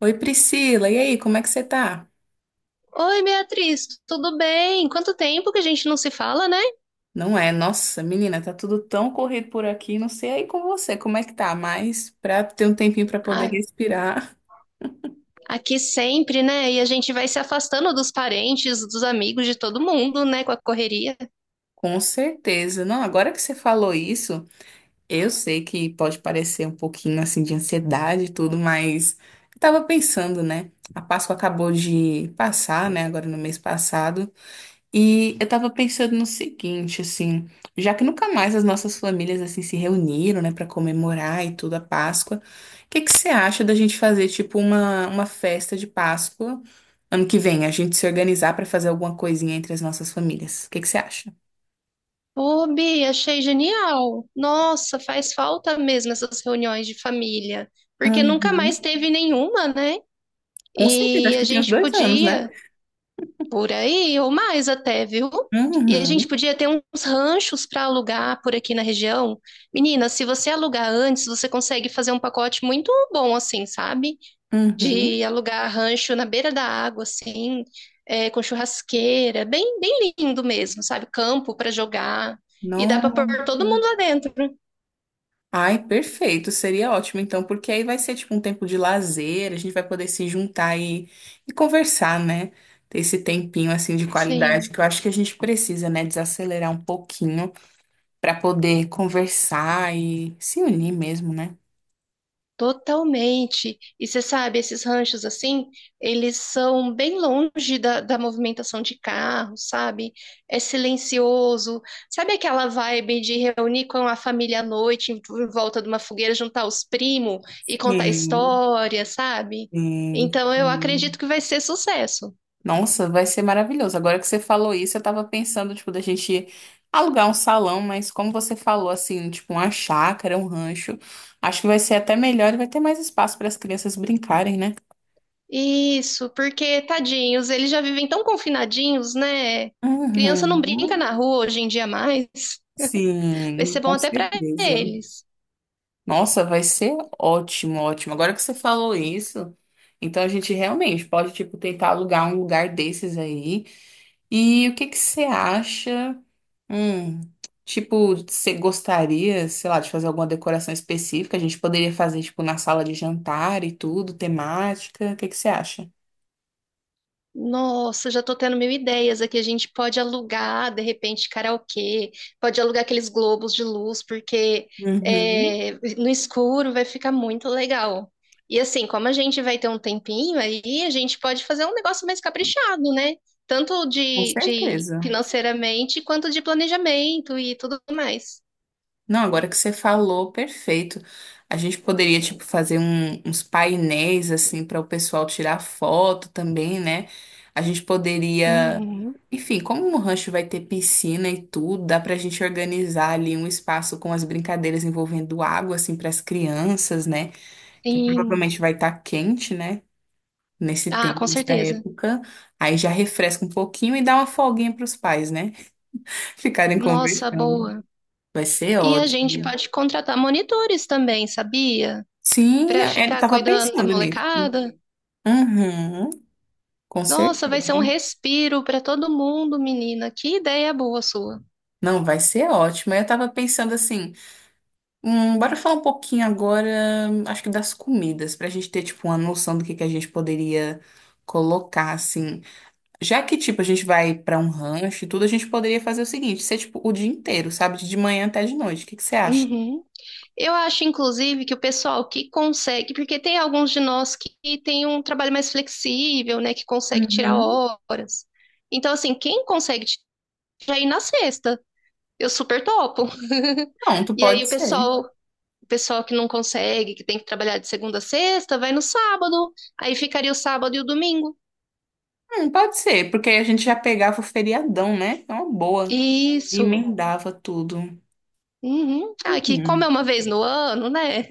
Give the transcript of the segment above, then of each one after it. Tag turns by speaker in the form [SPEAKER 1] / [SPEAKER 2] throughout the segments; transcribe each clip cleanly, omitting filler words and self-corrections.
[SPEAKER 1] Oi, Priscila, e aí, como é que você tá?
[SPEAKER 2] Oi, Beatriz, tudo bem? Quanto tempo que a gente não se fala, né?
[SPEAKER 1] Não é? Nossa, menina, tá tudo tão corrido por aqui, não sei aí com você, como é que tá, mas pra ter um tempinho pra poder
[SPEAKER 2] A-
[SPEAKER 1] respirar,
[SPEAKER 2] Aqui sempre, né? E a gente vai se afastando dos parentes, dos amigos, de todo mundo, né? Com a correria.
[SPEAKER 1] com certeza. Não, agora que você falou isso, eu sei que pode parecer um pouquinho assim de ansiedade e tudo, mas eu tava pensando, né? A Páscoa acabou de passar, né? Agora no mês passado. E eu tava pensando no seguinte, assim, já que nunca mais as nossas famílias assim se reuniram, né, para comemorar e tudo a Páscoa, o que que você acha da gente fazer tipo uma festa de Páscoa ano que vem, a gente se organizar para fazer alguma coisinha entre as nossas famílias? O que que você acha?
[SPEAKER 2] Ô, Bi, achei genial. Nossa, faz falta mesmo essas reuniões de família, porque nunca
[SPEAKER 1] Uhum.
[SPEAKER 2] mais teve nenhuma, né?
[SPEAKER 1] Com certeza,
[SPEAKER 2] E
[SPEAKER 1] acho
[SPEAKER 2] a
[SPEAKER 1] que tem uns
[SPEAKER 2] gente
[SPEAKER 1] dois anos, né?
[SPEAKER 2] podia. Por aí, ou mais até, viu? E a gente
[SPEAKER 1] Uhum.
[SPEAKER 2] podia ter uns ranchos para alugar por aqui na região. Menina, se você alugar antes, você consegue fazer um pacote muito bom, assim, sabe?
[SPEAKER 1] Uhum.
[SPEAKER 2] De alugar rancho na beira da água, assim, com churrasqueira, bem, bem lindo mesmo, sabe? Campo para jogar. E dá para
[SPEAKER 1] Não.
[SPEAKER 2] pôr todo mundo lá dentro.
[SPEAKER 1] Ai, perfeito, seria ótimo então, porque aí vai ser tipo um tempo de lazer, a gente vai poder se juntar e conversar, né? Ter esse tempinho assim de qualidade
[SPEAKER 2] Sim.
[SPEAKER 1] que eu acho que a gente precisa, né? Desacelerar um pouquinho para poder conversar e se unir mesmo, né?
[SPEAKER 2] Totalmente. E você sabe, esses ranchos assim, eles são bem longe da movimentação de carro, sabe? É silencioso. Sabe aquela vibe de reunir com a família à noite, em volta de uma fogueira, juntar os primos e contar
[SPEAKER 1] Sim,
[SPEAKER 2] história, sabe?
[SPEAKER 1] sim,
[SPEAKER 2] Então eu acredito
[SPEAKER 1] sim.
[SPEAKER 2] que vai ser sucesso.
[SPEAKER 1] Nossa, vai ser maravilhoso. Agora que você falou isso, eu tava pensando, tipo, da gente alugar um salão, mas como você falou, assim, tipo, uma chácara, um rancho, acho que vai ser até melhor e vai ter mais espaço para as crianças brincarem, né?
[SPEAKER 2] Isso, porque tadinhos, eles já vivem tão confinadinhos, né? Criança não brinca
[SPEAKER 1] Uhum.
[SPEAKER 2] na rua hoje em dia mais. Vai
[SPEAKER 1] Sim,
[SPEAKER 2] ser bom
[SPEAKER 1] com
[SPEAKER 2] até para
[SPEAKER 1] certeza.
[SPEAKER 2] eles.
[SPEAKER 1] Nossa, vai ser ótimo, ótimo. Agora que você falou isso, então a gente realmente pode, tipo, tentar alugar um lugar desses aí. E o que que você acha? Hum, tipo, você gostaria, sei lá, de fazer alguma decoração específica? A gente poderia fazer, tipo, na sala de jantar e tudo, temática. O que que você acha?
[SPEAKER 2] Nossa, já tô tendo mil ideias aqui. A gente pode alugar, de repente, karaokê, pode alugar aqueles globos de luz, porque
[SPEAKER 1] Uhum,
[SPEAKER 2] no escuro vai ficar muito legal. E assim, como a gente vai ter um tempinho aí, a gente pode fazer um negócio mais caprichado, né? Tanto
[SPEAKER 1] com
[SPEAKER 2] de
[SPEAKER 1] certeza.
[SPEAKER 2] financeiramente quanto de planejamento e tudo mais.
[SPEAKER 1] Não, agora que você falou, perfeito. A gente poderia, tipo, uns painéis, assim, para o pessoal tirar foto também, né? A gente poderia.
[SPEAKER 2] Uhum,
[SPEAKER 1] Enfim, como o rancho vai ter piscina e tudo, dá pra gente organizar ali um espaço com as brincadeiras envolvendo água, assim, para as crianças, né? Que
[SPEAKER 2] sim.
[SPEAKER 1] provavelmente vai estar quente, né? Nesse
[SPEAKER 2] Ah,
[SPEAKER 1] tempo,
[SPEAKER 2] com
[SPEAKER 1] nessa
[SPEAKER 2] certeza.
[SPEAKER 1] época. Aí já refresca um pouquinho e dá uma folguinha para os pais, né? Ficarem
[SPEAKER 2] Nossa,
[SPEAKER 1] conversando.
[SPEAKER 2] boa.
[SPEAKER 1] Vai ser
[SPEAKER 2] E a gente
[SPEAKER 1] ótimo.
[SPEAKER 2] pode contratar monitores também, sabia?
[SPEAKER 1] Sim,
[SPEAKER 2] Para
[SPEAKER 1] ele
[SPEAKER 2] ficar
[SPEAKER 1] estava
[SPEAKER 2] cuidando da
[SPEAKER 1] pensando nisso.
[SPEAKER 2] molecada?
[SPEAKER 1] Uhum, com
[SPEAKER 2] Nossa, vai ser um
[SPEAKER 1] certeza.
[SPEAKER 2] respiro para todo mundo, menina. Que ideia boa sua.
[SPEAKER 1] Não, vai ser ótimo. Eu estava pensando assim, bora falar um pouquinho agora, acho que das comidas, para a gente ter, tipo, uma noção do que a gente poderia colocar, assim. Já que, tipo, a gente vai pra um rancho e tudo, a gente poderia fazer o seguinte, ser, tipo, o dia inteiro, sabe? De manhã até de noite. O que que você acha?
[SPEAKER 2] Uhum. Eu acho, inclusive, que o pessoal que consegue, porque tem alguns de nós que tem um trabalho mais flexível, né, que consegue tirar
[SPEAKER 1] Uhum.
[SPEAKER 2] horas. Então, assim, quem consegue tirar aí na sexta, eu super topo.
[SPEAKER 1] Pronto,
[SPEAKER 2] E aí
[SPEAKER 1] pode ser.
[SPEAKER 2] o pessoal que não consegue, que tem que trabalhar de segunda a sexta, vai no sábado. Aí ficaria o sábado e o domingo.
[SPEAKER 1] Pode ser, porque aí a gente já pegava o feriadão, né? É uma boa. E
[SPEAKER 2] Isso.
[SPEAKER 1] emendava tudo.
[SPEAKER 2] Uhum. Ah, que como é
[SPEAKER 1] Hum,
[SPEAKER 2] uma vez no ano, né?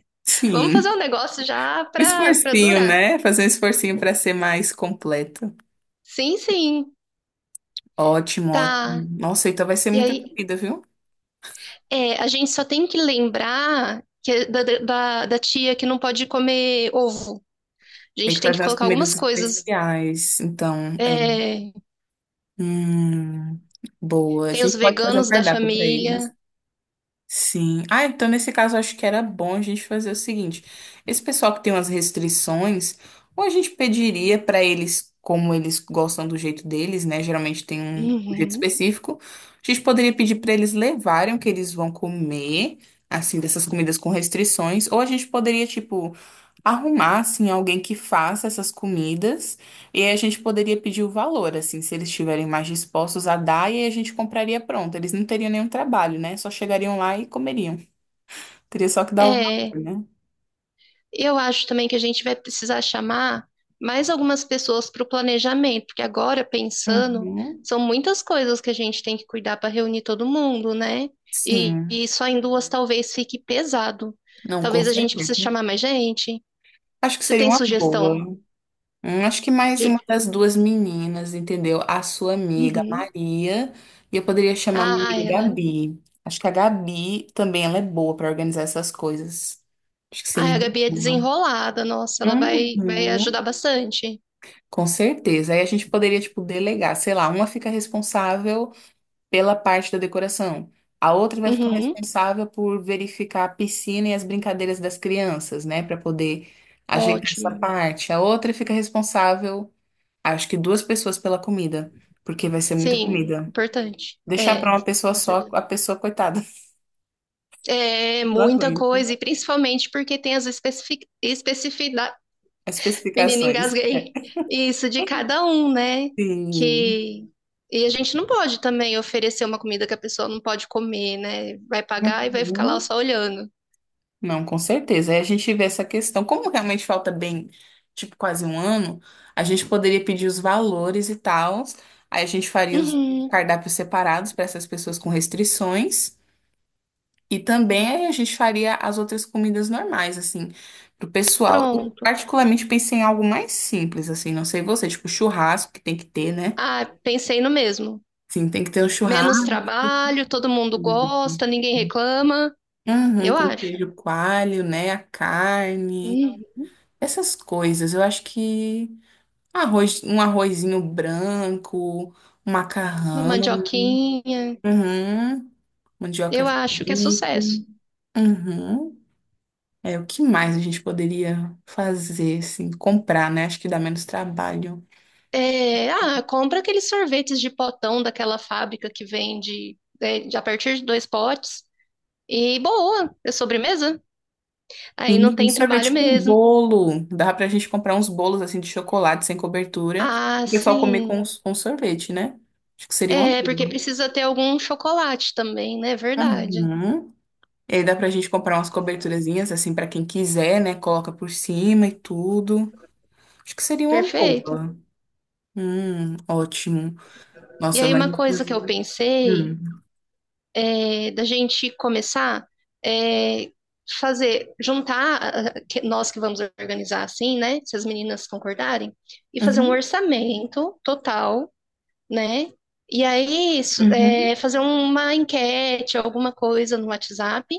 [SPEAKER 2] Vamos fazer um
[SPEAKER 1] sim.
[SPEAKER 2] negócio já pra
[SPEAKER 1] Esforcinho,
[SPEAKER 2] durar.
[SPEAKER 1] né? Fazer um esforcinho pra ser mais completo.
[SPEAKER 2] Sim, sim,
[SPEAKER 1] Ótimo, ótimo.
[SPEAKER 2] tá.
[SPEAKER 1] Nossa, então vai ser
[SPEAKER 2] E
[SPEAKER 1] muita
[SPEAKER 2] aí,
[SPEAKER 1] comida, viu?
[SPEAKER 2] a gente só tem que lembrar que é da tia que não pode comer ovo. A
[SPEAKER 1] Tem
[SPEAKER 2] gente
[SPEAKER 1] que
[SPEAKER 2] tem
[SPEAKER 1] fazer
[SPEAKER 2] que
[SPEAKER 1] umas
[SPEAKER 2] colocar
[SPEAKER 1] comidas
[SPEAKER 2] algumas coisas.
[SPEAKER 1] especiais. Então, é.
[SPEAKER 2] É,
[SPEAKER 1] Hum, boa. A
[SPEAKER 2] tem os
[SPEAKER 1] gente pode fazer um
[SPEAKER 2] veganos da
[SPEAKER 1] cardápio pra eles.
[SPEAKER 2] família.
[SPEAKER 1] Sim. Ah, então nesse caso eu acho que era bom a gente fazer o seguinte: esse pessoal que tem umas restrições, ou a gente pediria para eles, como eles gostam do jeito deles, né? Geralmente tem um jeito
[SPEAKER 2] Uhum.
[SPEAKER 1] específico. A gente poderia pedir para eles levarem o que eles vão comer, assim, dessas comidas com restrições, ou a gente poderia, tipo, arrumar, assim, alguém que faça essas comidas. E aí a gente poderia pedir o valor, assim, se eles estiverem mais dispostos a dar, e aí a gente compraria pronto. Eles não teriam nenhum trabalho, né? Só chegariam lá e comeriam. Teria só que dar o
[SPEAKER 2] É,
[SPEAKER 1] valor, né?
[SPEAKER 2] eu acho também que a gente vai precisar chamar mais algumas pessoas para o planejamento, porque agora, pensando,
[SPEAKER 1] Uhum.
[SPEAKER 2] são muitas coisas que a gente tem que cuidar para reunir todo mundo, né? E,
[SPEAKER 1] Sim,
[SPEAKER 2] e só em duas talvez fique pesado.
[SPEAKER 1] não, com
[SPEAKER 2] Talvez a gente precise
[SPEAKER 1] certeza.
[SPEAKER 2] chamar mais gente.
[SPEAKER 1] Acho que
[SPEAKER 2] Você
[SPEAKER 1] seria
[SPEAKER 2] tem
[SPEAKER 1] uma boa.
[SPEAKER 2] sugestão
[SPEAKER 1] Acho que mais
[SPEAKER 2] de.
[SPEAKER 1] uma das duas meninas, entendeu? A sua amiga
[SPEAKER 2] Uhum.
[SPEAKER 1] Maria, e eu poderia chamar a minha
[SPEAKER 2] Ah,
[SPEAKER 1] amiga
[SPEAKER 2] ela.
[SPEAKER 1] Gabi. Acho que a Gabi também ela é boa para organizar essas coisas. Acho que seria
[SPEAKER 2] Ah, a
[SPEAKER 1] uma
[SPEAKER 2] Gabi é
[SPEAKER 1] boa.
[SPEAKER 2] desenrolada, nossa, vai ajudar
[SPEAKER 1] Uhum.
[SPEAKER 2] bastante.
[SPEAKER 1] Com certeza. Aí a gente poderia, tipo, delegar, sei lá, uma fica responsável pela parte da decoração, a outra vai ficar
[SPEAKER 2] Uhum.
[SPEAKER 1] responsável por verificar a piscina e as brincadeiras das crianças, né, para poder ajeitar essa
[SPEAKER 2] Ótimo.
[SPEAKER 1] parte. A outra fica responsável, acho que duas pessoas pela comida, porque vai ser muita
[SPEAKER 2] Sim,
[SPEAKER 1] comida.
[SPEAKER 2] importante.
[SPEAKER 1] Deixar
[SPEAKER 2] É,
[SPEAKER 1] para uma pessoa
[SPEAKER 2] com
[SPEAKER 1] só,
[SPEAKER 2] certeza.
[SPEAKER 1] a pessoa coitada,
[SPEAKER 2] É
[SPEAKER 1] não
[SPEAKER 2] muita
[SPEAKER 1] aguenta.
[SPEAKER 2] coisa, e principalmente porque tem as especificidades.
[SPEAKER 1] As
[SPEAKER 2] Menina,
[SPEAKER 1] especificações.
[SPEAKER 2] engasguei. Isso de cada um, né?
[SPEAKER 1] Sim.
[SPEAKER 2] Que. E a gente não pode também oferecer uma comida que a pessoa não pode comer, né? Vai pagar e vai ficar lá
[SPEAKER 1] Uhum.
[SPEAKER 2] só olhando.
[SPEAKER 1] Não, com certeza. Aí a gente vê essa questão. Como realmente falta bem, tipo, quase um ano, a gente poderia pedir os valores e tal. Aí a gente faria os
[SPEAKER 2] Uhum,
[SPEAKER 1] cardápios separados para essas pessoas com restrições. E também aí a gente faria as outras comidas normais, assim, pro pessoal. Eu
[SPEAKER 2] pronto.
[SPEAKER 1] particularmente pensei em algo mais simples, assim, não sei você, tipo churrasco que tem que ter, né?
[SPEAKER 2] Ah, pensei no mesmo.
[SPEAKER 1] Sim, tem que ter um
[SPEAKER 2] Menos
[SPEAKER 1] churrasco.
[SPEAKER 2] trabalho, todo mundo gosta, ninguém reclama.
[SPEAKER 1] Uhum,
[SPEAKER 2] Eu
[SPEAKER 1] com
[SPEAKER 2] acho.
[SPEAKER 1] queijo coalho, né? A carne,
[SPEAKER 2] Hum,
[SPEAKER 1] essas coisas. Eu acho que. Arroz, um arrozinho branco, um
[SPEAKER 2] uma
[SPEAKER 1] macarrão,
[SPEAKER 2] mandioquinha.
[SPEAKER 1] uhum, mandioca
[SPEAKER 2] Eu acho que é
[SPEAKER 1] frita,
[SPEAKER 2] sucesso.
[SPEAKER 1] uhum. É, o que mais a gente poderia fazer, assim, comprar, né? Acho que dá menos trabalho.
[SPEAKER 2] É, ah, compra aqueles sorvetes de potão daquela fábrica que vende a partir de dois potes. E boa, é sobremesa. Aí
[SPEAKER 1] Sim,
[SPEAKER 2] não
[SPEAKER 1] um
[SPEAKER 2] tem trabalho
[SPEAKER 1] sorvete com
[SPEAKER 2] mesmo.
[SPEAKER 1] bolo. Dá pra gente comprar uns bolos, assim, de chocolate sem cobertura.
[SPEAKER 2] Ah,
[SPEAKER 1] E o pessoal comer com,
[SPEAKER 2] sim.
[SPEAKER 1] com sorvete, né? Acho que seria uma
[SPEAKER 2] É, porque
[SPEAKER 1] boa.
[SPEAKER 2] precisa ter algum chocolate também, né? Verdade.
[SPEAKER 1] Uhum. E aí dá pra gente comprar umas coberturazinhas, assim, pra quem quiser, né? Coloca por cima e tudo. Acho que seria uma
[SPEAKER 2] Perfeito.
[SPEAKER 1] boa. Ótimo.
[SPEAKER 2] E
[SPEAKER 1] Nossa,
[SPEAKER 2] aí,
[SPEAKER 1] mas.
[SPEAKER 2] uma coisa que eu pensei
[SPEAKER 1] Hum.
[SPEAKER 2] é da gente começar é fazer, juntar nós que vamos organizar assim, né? Se as meninas concordarem, e fazer um
[SPEAKER 1] Uhum,
[SPEAKER 2] orçamento total, né? E aí
[SPEAKER 1] uhum.
[SPEAKER 2] fazer uma enquete, alguma coisa no WhatsApp,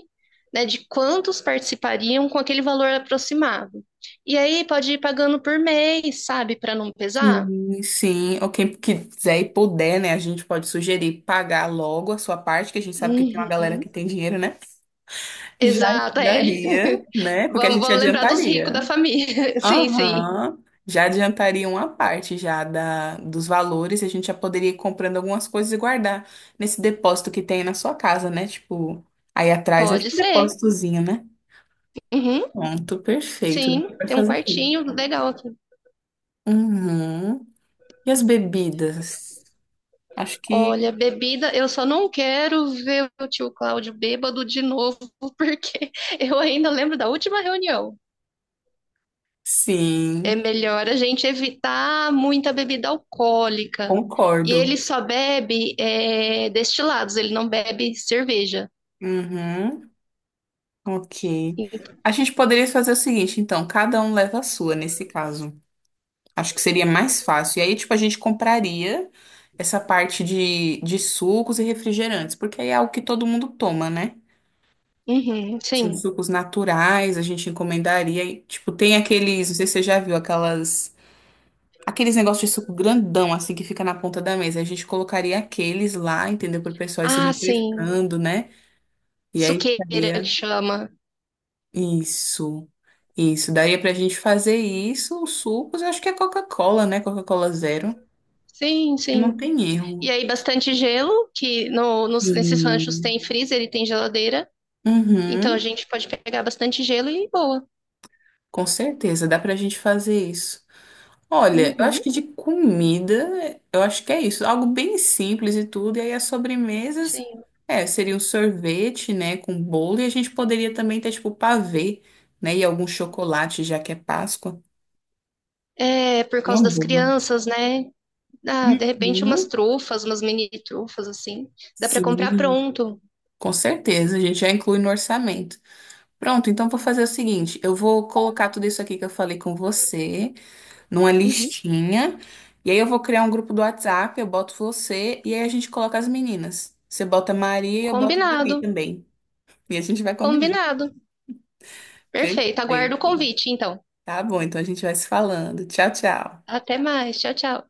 [SPEAKER 2] né, de quantos participariam com aquele valor aproximado. E aí pode ir pagando por mês, sabe, para não pesar.
[SPEAKER 1] Sim, sim. Ou quem quiser e puder, né? A gente pode sugerir pagar logo a sua parte, que a gente sabe que tem uma galera
[SPEAKER 2] Uhum.
[SPEAKER 1] que tem dinheiro, né? Já
[SPEAKER 2] Exato, é.
[SPEAKER 1] ajudaria, né? Porque a gente
[SPEAKER 2] Vamos lembrar dos ricos da
[SPEAKER 1] adiantaria.
[SPEAKER 2] família. Sim, sim.
[SPEAKER 1] Aham. Já adiantaria uma parte já da, dos valores, e a gente já poderia ir comprando algumas coisas e guardar nesse depósito que tem na sua casa, né? Tipo, aí atrás, é
[SPEAKER 2] Pode
[SPEAKER 1] tipo um
[SPEAKER 2] ser.
[SPEAKER 1] depósitozinho, né?
[SPEAKER 2] Uhum,
[SPEAKER 1] Pronto, perfeito. Dá
[SPEAKER 2] sim,
[SPEAKER 1] pra
[SPEAKER 2] tem um
[SPEAKER 1] fazer isso.
[SPEAKER 2] quartinho legal aqui.
[SPEAKER 1] Uhum. E as bebidas? Acho que
[SPEAKER 2] Olha, bebida, eu só não quero ver o tio Cláudio bêbado de novo, porque eu ainda lembro da última reunião.
[SPEAKER 1] sim,
[SPEAKER 2] É melhor a gente evitar muita bebida alcoólica. E
[SPEAKER 1] concordo.
[SPEAKER 2] ele só bebe destilados, ele não bebe cerveja.
[SPEAKER 1] Uhum. Ok. A gente poderia fazer o seguinte, então, cada um leva a sua nesse caso. Acho que seria mais fácil. E aí, tipo, a gente compraria essa parte de sucos e refrigerantes, porque aí é algo que todo mundo toma, né?
[SPEAKER 2] Uhum,
[SPEAKER 1] Sim,
[SPEAKER 2] sim.
[SPEAKER 1] sucos naturais, a gente encomendaria. E, tipo, tem aqueles, não sei se você já viu, aquelas. Aqueles negócios de suco grandão, assim, que fica na ponta da mesa. A gente colocaria aqueles lá, entendeu? Para o pessoal ir se
[SPEAKER 2] Ah, sim.
[SPEAKER 1] refrescando, né? E aí
[SPEAKER 2] Suqueira que
[SPEAKER 1] ficaria.
[SPEAKER 2] chama.
[SPEAKER 1] Isso. Isso. Daria pra gente fazer isso, os sucos, eu acho que é Coca-Cola, né? Coca-Cola zero.
[SPEAKER 2] Sim,
[SPEAKER 1] E não
[SPEAKER 2] sim.
[SPEAKER 1] tem
[SPEAKER 2] E
[SPEAKER 1] erro.
[SPEAKER 2] aí, bastante gelo, que no, nos- nesses ranchos
[SPEAKER 1] Sim.
[SPEAKER 2] tem freezer e tem geladeira. Então a
[SPEAKER 1] Uhum.
[SPEAKER 2] gente pode pegar bastante gelo e boa.
[SPEAKER 1] Com certeza, dá pra gente fazer isso. Olha, eu acho
[SPEAKER 2] Uhum.
[SPEAKER 1] que de comida, eu acho que é isso. Algo bem simples e tudo. E aí as sobremesas,
[SPEAKER 2] Sim.
[SPEAKER 1] é, seria um sorvete, né, com bolo. E a gente poderia também ter, tipo, pavê, né, e algum chocolate, já que é Páscoa.
[SPEAKER 2] É, por causa
[SPEAKER 1] Uma
[SPEAKER 2] das
[SPEAKER 1] boa.
[SPEAKER 2] crianças, né? Ah, de repente umas
[SPEAKER 1] Uhum.
[SPEAKER 2] trufas, umas mini trufas, assim. Dá pra comprar
[SPEAKER 1] Sim,
[SPEAKER 2] pronto.
[SPEAKER 1] com certeza. A gente já inclui no orçamento. Pronto, então vou fazer o seguinte. Eu vou colocar tudo isso aqui que eu falei com você numa
[SPEAKER 2] Uhum.
[SPEAKER 1] listinha. E aí eu vou criar um grupo do WhatsApp, eu boto você e aí a gente coloca as meninas. Você bota a Maria e eu boto a
[SPEAKER 2] Combinado.
[SPEAKER 1] Gabi também. E a gente vai combinando.
[SPEAKER 2] Combinado. Perfeito. Aguardo o
[SPEAKER 1] Perfeito.
[SPEAKER 2] convite, então.
[SPEAKER 1] Tá bom, então a gente vai se falando. Tchau, tchau.
[SPEAKER 2] Até mais. Tchau, tchau.